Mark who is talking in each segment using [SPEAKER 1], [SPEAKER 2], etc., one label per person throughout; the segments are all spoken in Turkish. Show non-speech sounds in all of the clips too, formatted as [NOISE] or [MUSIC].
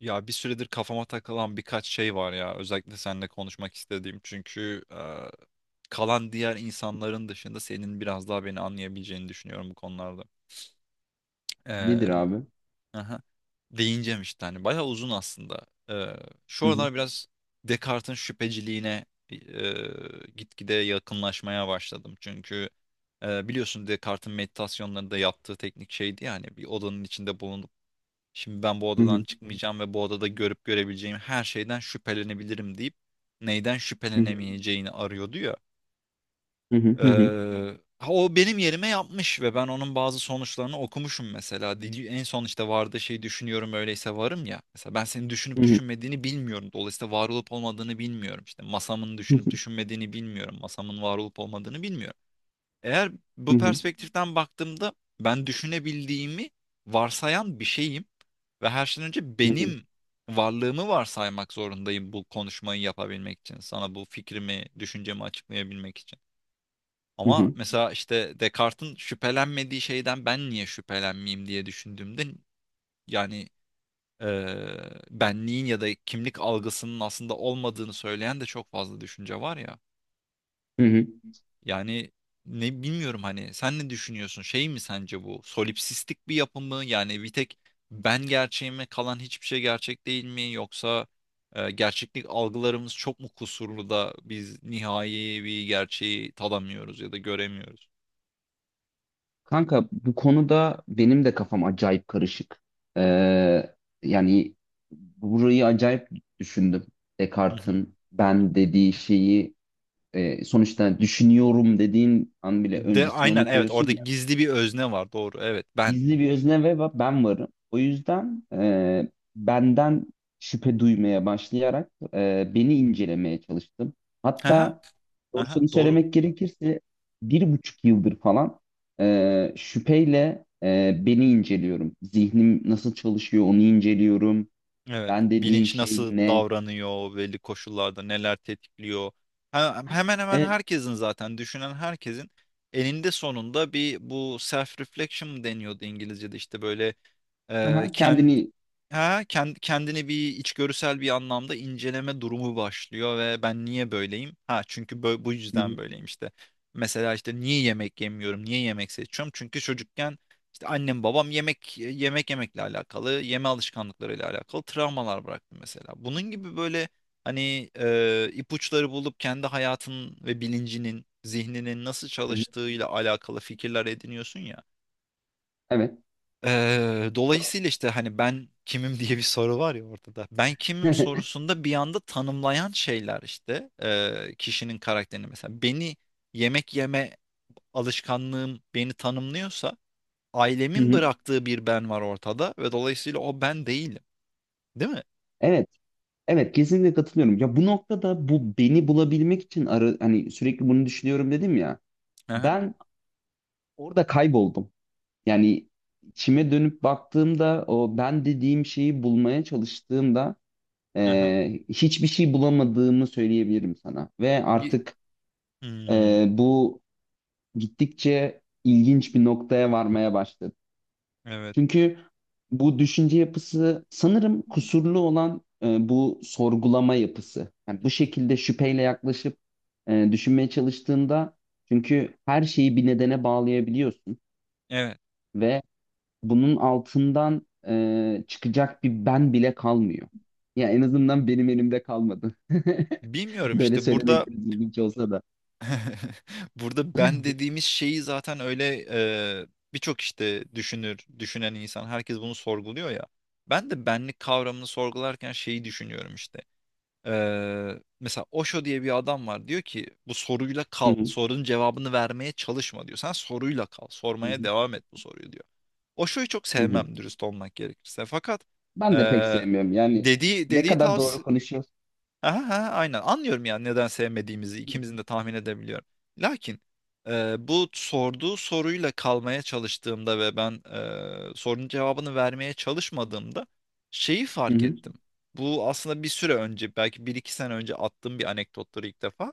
[SPEAKER 1] Ya bir süredir kafama takılan birkaç şey var ya. Özellikle seninle konuşmak istediğim. Çünkü kalan diğer insanların dışında senin biraz daha beni anlayabileceğini düşünüyorum bu konularda. E,
[SPEAKER 2] Nedir abi?
[SPEAKER 1] aha, değineceğim işte hani. Bayağı uzun aslında. Şu
[SPEAKER 2] Hı hı.
[SPEAKER 1] aralar biraz Descartes'in şüpheciliğine e, gitgide yakınlaşmaya başladım. Çünkü biliyorsun Descartes'in meditasyonlarında yaptığı teknik şeydi, yani bir odanın içinde bulunduğun. Şimdi ben bu
[SPEAKER 2] Hı
[SPEAKER 1] odadan
[SPEAKER 2] hı.
[SPEAKER 1] çıkmayacağım ve bu odada görüp görebileceğim her şeyden şüphelenebilirim deyip neyden
[SPEAKER 2] Hı hı.
[SPEAKER 1] şüphelenemeyeceğini arıyordu ya.
[SPEAKER 2] Hı hı.
[SPEAKER 1] Ee,
[SPEAKER 2] Hı hı.
[SPEAKER 1] ha, o benim yerime yapmış ve ben onun bazı sonuçlarını okumuşum mesela. Dili, en son işte vardı şey, düşünüyorum öyleyse varım ya. Mesela ben senin düşünüp
[SPEAKER 2] Hı hı.
[SPEAKER 1] düşünmediğini bilmiyorum. Dolayısıyla var olup olmadığını bilmiyorum. İşte masamın düşünüp düşünmediğini bilmiyorum. Masamın var olup olmadığını bilmiyorum. Eğer bu
[SPEAKER 2] Hı hı.
[SPEAKER 1] perspektiften baktığımda ben düşünebildiğimi varsayan bir şeyim ve her şeyden önce
[SPEAKER 2] Hı hı.
[SPEAKER 1] benim varlığımı varsaymak zorundayım bu konuşmayı yapabilmek için. Sana bu fikrimi, düşüncemi açıklayabilmek için.
[SPEAKER 2] Hı
[SPEAKER 1] Ama
[SPEAKER 2] hı.
[SPEAKER 1] mesela işte Descartes'in şüphelenmediği şeyden ben niye şüphelenmeyeyim diye düşündüğümde, yani eee benliğin ya da kimlik algısının aslında olmadığını söyleyen de çok fazla düşünce var ya.
[SPEAKER 2] Hı hı.
[SPEAKER 1] Yani ne bilmiyorum, hani sen ne düşünüyorsun? Şey mi sence bu? Solipsistik bir yapı mı? Yani bir tek ben gerçeğime kalan hiçbir şey gerçek değil mi? Yoksa gerçeklik algılarımız çok mu kusurlu da biz nihai bir gerçeği tadamıyoruz ya da göremiyoruz?
[SPEAKER 2] Kanka bu konuda benim de kafam acayip karışık. Ee, Yani burayı acayip düşündüm.
[SPEAKER 1] Hı hı.
[SPEAKER 2] Descartes'in ben dediği şeyi sonuçta düşünüyorum dediğin an bile
[SPEAKER 1] De
[SPEAKER 2] öncesine
[SPEAKER 1] aynen,
[SPEAKER 2] onu
[SPEAKER 1] evet,
[SPEAKER 2] koyuyorsun
[SPEAKER 1] orada
[SPEAKER 2] ya.
[SPEAKER 1] gizli bir özne var, doğru, evet, ben.
[SPEAKER 2] Gizli bir özne ve ben varım. O yüzden benden şüphe duymaya başlayarak beni incelemeye çalıştım.
[SPEAKER 1] Aha,
[SPEAKER 2] Hatta
[SPEAKER 1] aha,
[SPEAKER 2] doğrusunu
[SPEAKER 1] doğru.
[SPEAKER 2] söylemek gerekirse 1,5 yıldır falan şüpheyle beni inceliyorum. Zihnim nasıl çalışıyor onu inceliyorum.
[SPEAKER 1] Evet.
[SPEAKER 2] Ben dediğim
[SPEAKER 1] Bilinç
[SPEAKER 2] şey
[SPEAKER 1] nasıl
[SPEAKER 2] ne?
[SPEAKER 1] davranıyor, belli koşullarda neler tetikliyor. He- Hemen hemen
[SPEAKER 2] Evet.
[SPEAKER 1] herkesin, zaten düşünen herkesin eninde sonunda bir bu self reflection mı deniyordu İngilizce'de, işte böyle.
[SPEAKER 2] Aha, kendini...
[SPEAKER 1] Kendini bir içgörüsel bir anlamda inceleme durumu başlıyor ve ben niye böyleyim? Ha, çünkü bu
[SPEAKER 2] Hı
[SPEAKER 1] yüzden
[SPEAKER 2] hı,
[SPEAKER 1] böyleyim işte. Mesela işte niye yemek yemiyorum? Niye yemek seçiyorum? Çünkü çocukken işte annem babam yemekle alakalı, yeme alışkanlıklarıyla alakalı travmalar bıraktı mesela. Bunun gibi böyle hani ipuçları bulup kendi hayatın ve bilincinin, zihninin nasıl
[SPEAKER 2] hı hı.
[SPEAKER 1] çalıştığıyla alakalı fikirler ediniyorsun ya.
[SPEAKER 2] Evet.
[SPEAKER 1] Dolayısıyla işte hani ben kimim [LAUGHS] diye bir soru var ya ortada. Ben kimim
[SPEAKER 2] [LAUGHS]
[SPEAKER 1] sorusunda bir anda tanımlayan şeyler işte kişinin karakterini, mesela beni yemek yeme alışkanlığım beni tanımlıyorsa
[SPEAKER 2] Hı
[SPEAKER 1] ailemin
[SPEAKER 2] hı.
[SPEAKER 1] bıraktığı bir ben var ortada ve dolayısıyla o ben değilim. Değil mi?
[SPEAKER 2] Evet. Evet, kesinlikle katılıyorum. Ya bu noktada bu beni bulabilmek için ara, hani sürekli bunu düşünüyorum dedim ya.
[SPEAKER 1] Aha,
[SPEAKER 2] Ben orada kayboldum. Yani içime dönüp baktığımda o ben dediğim şeyi bulmaya çalıştığımda
[SPEAKER 1] aha.
[SPEAKER 2] hiçbir şey bulamadığımı söyleyebilirim sana. Ve
[SPEAKER 1] Ye-
[SPEAKER 2] artık
[SPEAKER 1] Hmm,
[SPEAKER 2] bu gittikçe ilginç bir noktaya varmaya başladı.
[SPEAKER 1] evet.
[SPEAKER 2] Çünkü bu düşünce yapısı sanırım
[SPEAKER 1] Hı.
[SPEAKER 2] kusurlu olan bu sorgulama yapısı. Yani bu şekilde şüpheyle yaklaşıp düşünmeye çalıştığında çünkü her şeyi bir nedene bağlayabiliyorsun
[SPEAKER 1] Evet.
[SPEAKER 2] ve bunun altından çıkacak bir ben bile kalmıyor. Ya en azından benim elimde kalmadı. [LAUGHS]
[SPEAKER 1] Bilmiyorum
[SPEAKER 2] Böyle
[SPEAKER 1] işte burada.
[SPEAKER 2] söylemek biraz ilginç olsa da.
[SPEAKER 1] [LAUGHS] Burada ben dediğimiz şeyi zaten öyle e, birçok işte düşünür, düşünen insan, herkes bunu sorguluyor ya. Ben de benlik kavramını sorgularken şeyi düşünüyorum işte. E, mesela Osho diye bir adam var, diyor ki bu soruyla
[SPEAKER 2] Hı
[SPEAKER 1] kal,
[SPEAKER 2] hı,
[SPEAKER 1] sorunun cevabını vermeye çalışma diyor. Sen soruyla kal,
[SPEAKER 2] hı
[SPEAKER 1] sormaya
[SPEAKER 2] hı,
[SPEAKER 1] devam et bu soruyu diyor. Osho'yu çok
[SPEAKER 2] hı hı.
[SPEAKER 1] sevmem, dürüst olmak gerekirse. Fakat e,
[SPEAKER 2] Ben de pek sevmiyorum. Yani
[SPEAKER 1] dediği
[SPEAKER 2] ne
[SPEAKER 1] dediği
[SPEAKER 2] kadar doğru
[SPEAKER 1] tavsiye.
[SPEAKER 2] konuşuyorsun.
[SPEAKER 1] Aha, aha, aynen, anlıyorum yani neden sevmediğimizi
[SPEAKER 2] Hı
[SPEAKER 1] ikimizin de tahmin edebiliyorum. Lakin bu sorduğu soruyla kalmaya çalıştığımda ve ben sorunun cevabını vermeye çalışmadığımda şeyi
[SPEAKER 2] hı,
[SPEAKER 1] fark
[SPEAKER 2] hı hı,
[SPEAKER 1] ettim. Bu aslında bir süre önce, belki bir iki sene önce attığım bir anekdottur ilk defa.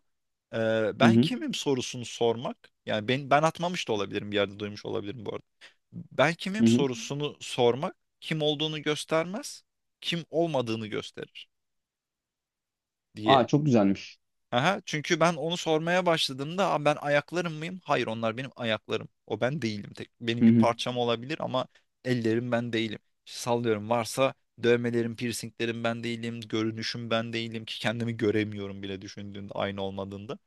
[SPEAKER 2] hı
[SPEAKER 1] Ben
[SPEAKER 2] hı.
[SPEAKER 1] kimim sorusunu sormak, yani ben, ben atmamış da olabilirim, bir yerde duymuş olabilirim bu arada. Ben
[SPEAKER 2] Hı
[SPEAKER 1] kimim
[SPEAKER 2] hı.
[SPEAKER 1] sorusunu sormak kim olduğunu göstermez, kim olmadığını gösterir diye.
[SPEAKER 2] Aa, çok güzelmiş.
[SPEAKER 1] Aha, çünkü ben onu sormaya başladığımda, "Aa, ben ayaklarım mıyım? Hayır, onlar benim ayaklarım. O ben değilim. Tek, benim
[SPEAKER 2] Hı
[SPEAKER 1] bir
[SPEAKER 2] hı.
[SPEAKER 1] parçam olabilir ama ellerim ben değilim. İşte sallıyorum, varsa dövmelerim, piercinglerim ben değilim. Görünüşüm ben değilim ki kendimi göremiyorum bile düşündüğünde aynı olmadığında.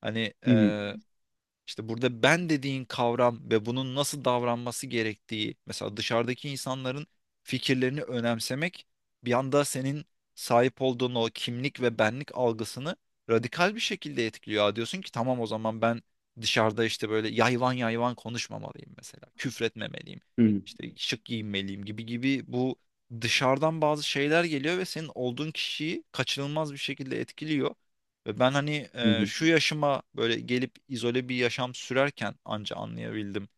[SPEAKER 1] Hani
[SPEAKER 2] Hı hı.
[SPEAKER 1] işte burada ben dediğin kavram ve bunun nasıl davranması gerektiği, mesela dışarıdaki insanların fikirlerini önemsemek bir anda senin sahip olduğun o kimlik ve benlik algısını radikal bir şekilde etkiliyor. Aa, diyorsun ki tamam, o zaman ben dışarıda işte böyle yayvan yayvan konuşmamalıyım mesela, küfretmemeliyim,
[SPEAKER 2] Hı hı.
[SPEAKER 1] işte şık giyinmeliyim gibi gibi, bu dışarıdan bazı şeyler geliyor ve senin olduğun kişiyi kaçınılmaz bir şekilde etkiliyor. Ve ben hani
[SPEAKER 2] Hı hı.
[SPEAKER 1] şu yaşıma böyle gelip izole bir yaşam sürerken anca anlayabildim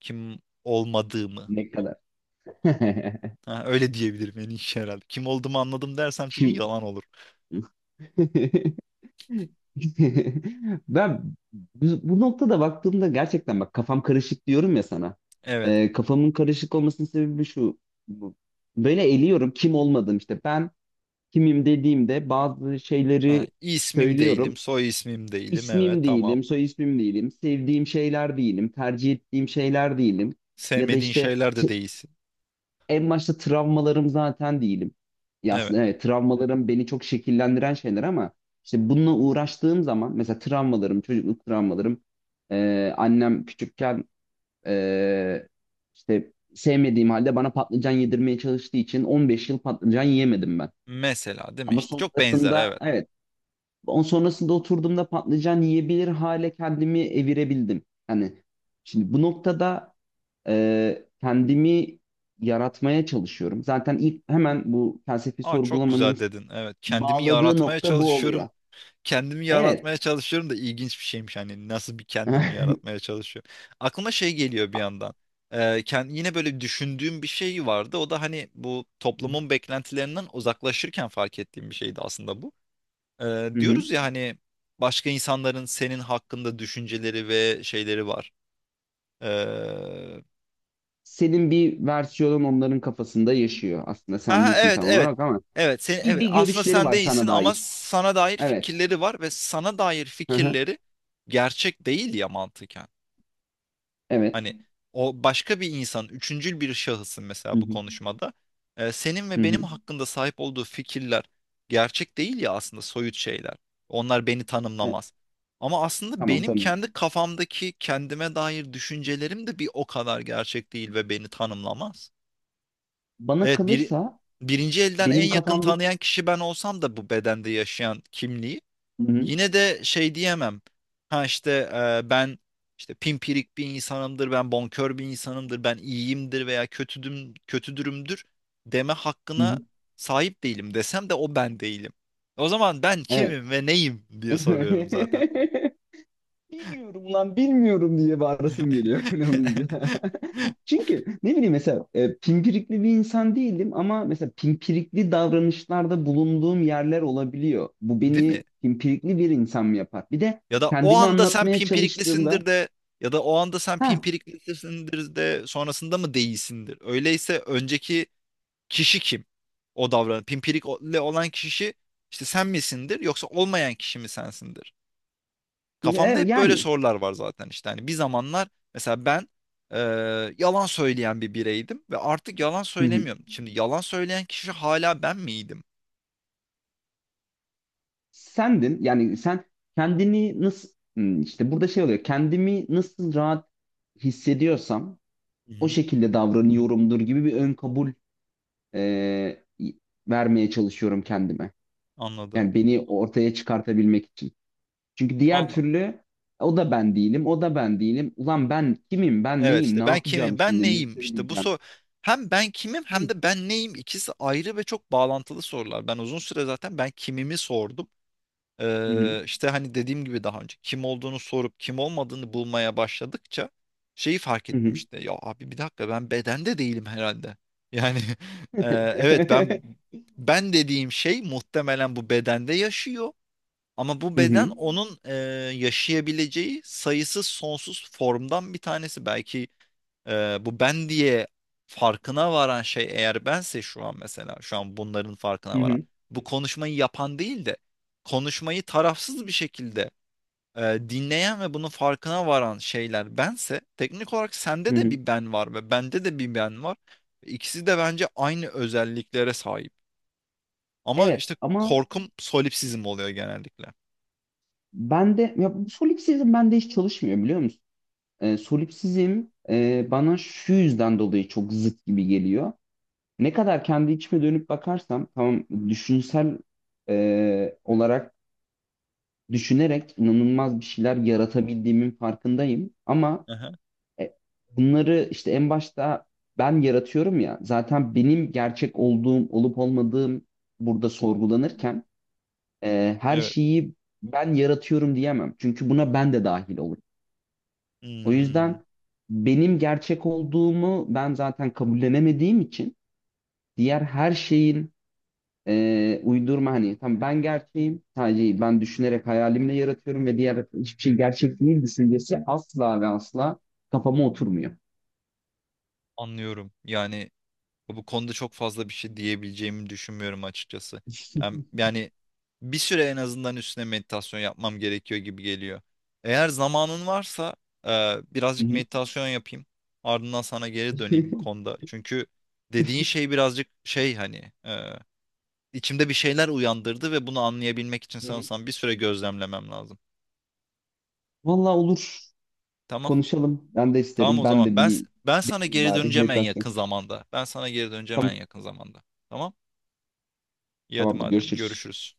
[SPEAKER 1] kim olmadığımı.
[SPEAKER 2] Ne kadar. [LAUGHS]
[SPEAKER 1] Ha, öyle diyebilirim en iyi şey herhalde. Kim olduğumu anladım dersem çünkü
[SPEAKER 2] Şimdi
[SPEAKER 1] yalan olur.
[SPEAKER 2] [LAUGHS] ben bu noktada baktığımda gerçekten bak kafam karışık diyorum ya sana.
[SPEAKER 1] Evet.
[SPEAKER 2] Kafamın karışık olmasının sebebi şu. Bu- Böyle eliyorum kim olmadım işte. Ben kimim dediğimde bazı
[SPEAKER 1] Ha,
[SPEAKER 2] şeyleri
[SPEAKER 1] ismim değilim,
[SPEAKER 2] söylüyorum.
[SPEAKER 1] soy ismim değilim. Evet,
[SPEAKER 2] İsmim
[SPEAKER 1] tamam.
[SPEAKER 2] değilim, soy ismim değilim, sevdiğim şeyler değilim, tercih ettiğim şeyler değilim. Ya da
[SPEAKER 1] Sevmediğin
[SPEAKER 2] işte
[SPEAKER 1] şeyler de değilsin.
[SPEAKER 2] en başta travmalarım zaten değilim. Ya
[SPEAKER 1] Evet.
[SPEAKER 2] aslında evet travmalarım beni çok şekillendiren şeyler ama işte bununla uğraştığım zaman mesela travmalarım, çocukluk travmalarım, annem küçükken e, işte sevmediğim halde bana patlıcan yedirmeye çalıştığı için 15 yıl patlıcan yiyemedim ben.
[SPEAKER 1] Mesela değil mi
[SPEAKER 2] Ama
[SPEAKER 1] işte? Çok benzer,
[SPEAKER 2] sonrasında
[SPEAKER 1] evet.
[SPEAKER 2] evet, on sonrasında oturduğumda patlıcan yiyebilir hale kendimi evirebildim. Hani şimdi bu noktada kendimi yaratmaya çalışıyorum. Zaten ilk hemen bu felsefi
[SPEAKER 1] Aa, çok
[SPEAKER 2] sorgulamanın
[SPEAKER 1] güzel dedin. Evet. Kendimi
[SPEAKER 2] bağladığı
[SPEAKER 1] yaratmaya
[SPEAKER 2] nokta bu
[SPEAKER 1] çalışıyorum.
[SPEAKER 2] oluyor.
[SPEAKER 1] Kendimi
[SPEAKER 2] Evet.
[SPEAKER 1] yaratmaya çalışıyorum da ilginç bir şeymiş, hani nasıl bir kendimi
[SPEAKER 2] [LAUGHS]
[SPEAKER 1] yaratmaya çalışıyorum. Aklıma şey geliyor bir yandan. Ee, yine böyle düşündüğüm bir şey vardı. O da hani bu toplumun beklentilerinden uzaklaşırken fark ettiğim bir şeydi aslında bu.
[SPEAKER 2] Hı hı.
[SPEAKER 1] Diyoruz ya hani başka insanların senin hakkında düşünceleri ve şeyleri var. Ee,
[SPEAKER 2] Senin bir versiyonun onların kafasında yaşıyor. Aslında sen
[SPEAKER 1] aha,
[SPEAKER 2] değilsin
[SPEAKER 1] evet,
[SPEAKER 2] tam
[SPEAKER 1] evet.
[SPEAKER 2] olarak ama
[SPEAKER 1] Evet, sen,
[SPEAKER 2] bir,
[SPEAKER 1] evet,
[SPEAKER 2] bir
[SPEAKER 1] aslında
[SPEAKER 2] görüşleri
[SPEAKER 1] sen
[SPEAKER 2] var
[SPEAKER 1] değilsin
[SPEAKER 2] sana
[SPEAKER 1] ama
[SPEAKER 2] dair.
[SPEAKER 1] sana dair
[SPEAKER 2] Evet.
[SPEAKER 1] fikirleri var ve sana dair
[SPEAKER 2] Hı hı.
[SPEAKER 1] fikirleri gerçek değil ya, mantıken.
[SPEAKER 2] Evet.
[SPEAKER 1] Hani o başka bir insan, üçüncül bir şahısın
[SPEAKER 2] Hı
[SPEAKER 1] mesela bu
[SPEAKER 2] hı.
[SPEAKER 1] konuşmada. Senin
[SPEAKER 2] Hı
[SPEAKER 1] ve benim
[SPEAKER 2] hı.
[SPEAKER 1] hakkında sahip olduğu fikirler gerçek değil ya, aslında soyut şeyler. Onlar beni
[SPEAKER 2] E,
[SPEAKER 1] tanımlamaz. Ama aslında
[SPEAKER 2] tamam,
[SPEAKER 1] benim
[SPEAKER 2] tamam.
[SPEAKER 1] kendi kafamdaki kendime dair düşüncelerim de bir o kadar gerçek değil ve beni tanımlamaz.
[SPEAKER 2] Bana
[SPEAKER 1] Evet,
[SPEAKER 2] kalırsa
[SPEAKER 1] birinci elden en
[SPEAKER 2] benim
[SPEAKER 1] yakın
[SPEAKER 2] kafamdaki...
[SPEAKER 1] tanıyan kişi ben olsam da bu bedende yaşayan kimliği
[SPEAKER 2] Hı hı.
[SPEAKER 1] yine de şey diyemem. Ha işte ben işte pimpirik bir insanımdır, ben bonkör bir insanımdır, ben iyiyimdir veya kötüdüm, kötüdürümdür deme
[SPEAKER 2] Hı
[SPEAKER 1] hakkına
[SPEAKER 2] hı.
[SPEAKER 1] sahip değilim desem de o ben değilim. O zaman ben
[SPEAKER 2] Evet.
[SPEAKER 1] kimim ve neyim diye soruyorum zaten.
[SPEAKER 2] [LAUGHS] Bilmiyorum lan, bilmiyorum diye bağırasım geliyor [LAUGHS] öyle olunca.
[SPEAKER 1] [LAUGHS]
[SPEAKER 2] Çünkü ne bileyim mesela pimpirikli bir insan değilim ama mesela pimpirikli davranışlarda bulunduğum yerler olabiliyor. Bu
[SPEAKER 1] Değil mi?
[SPEAKER 2] beni pimpirikli bir insan mı yapar? Bir de
[SPEAKER 1] Ya da o
[SPEAKER 2] kendimi
[SPEAKER 1] anda sen
[SPEAKER 2] anlatmaya çalıştığımda
[SPEAKER 1] pimpiriklisindir de,
[SPEAKER 2] ha
[SPEAKER 1] sonrasında mı değilsindir? Öyleyse önceki kişi kim? O davran. Pimpirikle olan kişi işte sen misindir yoksa olmayan kişi mi sensindir? Kafamda
[SPEAKER 2] e,
[SPEAKER 1] hep böyle
[SPEAKER 2] yani
[SPEAKER 1] sorular var zaten işte. Hani bir zamanlar mesela ben e, yalan söyleyen bir bireydim ve artık yalan
[SPEAKER 2] hı hı,
[SPEAKER 1] söylemiyorum. Şimdi yalan söyleyen kişi hala ben miydim?
[SPEAKER 2] sendin yani sen kendini nasıl işte burada şey oluyor, kendimi nasıl rahat hissediyorsam
[SPEAKER 1] Hı
[SPEAKER 2] o
[SPEAKER 1] hı,
[SPEAKER 2] şekilde davranıyorumdur gibi bir ön kabul e, vermeye çalışıyorum kendime.
[SPEAKER 1] anladım.
[SPEAKER 2] Yani beni ortaya çıkartabilmek için. Çünkü diğer
[SPEAKER 1] Valla.
[SPEAKER 2] türlü o da ben değilim, o da ben değilim. Ulan ben kimim, ben
[SPEAKER 1] Evet,
[SPEAKER 2] neyim, ne
[SPEAKER 1] işte ben kimim,
[SPEAKER 2] yapacağım
[SPEAKER 1] ben
[SPEAKER 2] şimdi, ne
[SPEAKER 1] neyim? İşte bu
[SPEAKER 2] söyleyeceğim?
[SPEAKER 1] soru, hem ben kimim
[SPEAKER 2] Hı
[SPEAKER 1] hem de ben neyim, ikisi ayrı ve çok bağlantılı sorular. Ben uzun süre zaten ben kimimi sordum.
[SPEAKER 2] hı,
[SPEAKER 1] İşte hani dediğim gibi daha önce kim olduğunu sorup kim olmadığını bulmaya başladıkça şeyi fark
[SPEAKER 2] hı
[SPEAKER 1] ettim
[SPEAKER 2] hı.
[SPEAKER 1] işte. Ya abi, bir dakika, ben bedende değilim herhalde. Yani [LAUGHS] e, evet, ben,
[SPEAKER 2] [LAUGHS]
[SPEAKER 1] ben dediğim şey muhtemelen bu bedende yaşıyor. Ama bu
[SPEAKER 2] Hı
[SPEAKER 1] beden
[SPEAKER 2] hı,
[SPEAKER 1] onun yaşayabileceği sayısız sonsuz formdan bir tanesi. Belki bu ben diye farkına varan şey eğer bense, şu an, mesela şu an bunların farkına
[SPEAKER 2] hı
[SPEAKER 1] varan
[SPEAKER 2] hı.
[SPEAKER 1] bu konuşmayı yapan değil de konuşmayı tarafsız bir şekilde dinleyen ve bunun farkına varan şeyler bense, teknik olarak
[SPEAKER 2] Hı
[SPEAKER 1] sende de
[SPEAKER 2] hı.
[SPEAKER 1] bir ben var ve bende de bir ben var. İkisi de bence aynı özelliklere sahip. Ama
[SPEAKER 2] Evet
[SPEAKER 1] işte
[SPEAKER 2] ama
[SPEAKER 1] korkum solipsizm oluyor genellikle.
[SPEAKER 2] bende, ya bu solipsizm bende hiç çalışmıyor biliyor musun? Solipsizm bana şu yüzden dolayı çok zıt gibi geliyor. Ne kadar kendi içime dönüp bakarsam tamam, düşünsel olarak düşünerek inanılmaz bir şeyler yaratabildiğimin farkındayım ama
[SPEAKER 1] Aha,
[SPEAKER 2] E, bunları işte en başta ben yaratıyorum ya. Zaten benim gerçek olduğum, olup olmadığım burada sorgulanırken her
[SPEAKER 1] evet.
[SPEAKER 2] şeyi ben yaratıyorum diyemem. Çünkü buna ben de dahil olurum. O
[SPEAKER 1] Hmm,
[SPEAKER 2] yüzden benim gerçek olduğumu ben zaten kabullenemediğim için diğer her şeyin uydurma, hani tam ben gerçeğim sadece ben düşünerek hayalimle yaratıyorum ve diğer hiçbir şey gerçek değil düşüncesi asla ve asla kafama oturmuyor.
[SPEAKER 1] anlıyorum. Yani bu konuda çok fazla bir şey diyebileceğimi düşünmüyorum açıkçası.
[SPEAKER 2] [LAUGHS]
[SPEAKER 1] Yani bir süre en azından üstüne meditasyon yapmam gerekiyor gibi geliyor. Eğer zamanın varsa e,
[SPEAKER 2] Hı
[SPEAKER 1] birazcık
[SPEAKER 2] hı.
[SPEAKER 1] meditasyon yapayım. Ardından sana geri döneyim bu
[SPEAKER 2] [LAUGHS]
[SPEAKER 1] konuda. Çünkü dediğin şey birazcık şey, hani içimde bir şeyler uyandırdı ve bunu anlayabilmek için
[SPEAKER 2] Hı hı.
[SPEAKER 1] sanırsam bir süre gözlemlemem lazım.
[SPEAKER 2] Vallahi olur.
[SPEAKER 1] Tamam.
[SPEAKER 2] Konuşalım. Ben de
[SPEAKER 1] Tamam
[SPEAKER 2] isterim.
[SPEAKER 1] o
[SPEAKER 2] Ben
[SPEAKER 1] zaman.
[SPEAKER 2] de
[SPEAKER 1] Ben
[SPEAKER 2] bir
[SPEAKER 1] ben sana
[SPEAKER 2] deneyim
[SPEAKER 1] geri
[SPEAKER 2] bari
[SPEAKER 1] döneceğim en
[SPEAKER 2] meditasyon.
[SPEAKER 1] yakın zamanda. Ben sana geri döneceğim en
[SPEAKER 2] Tamam.
[SPEAKER 1] yakın zamanda. Tamam? İyi, hadi
[SPEAKER 2] Tamamdır.
[SPEAKER 1] madem,
[SPEAKER 2] Görüşürüz.
[SPEAKER 1] görüşürüz.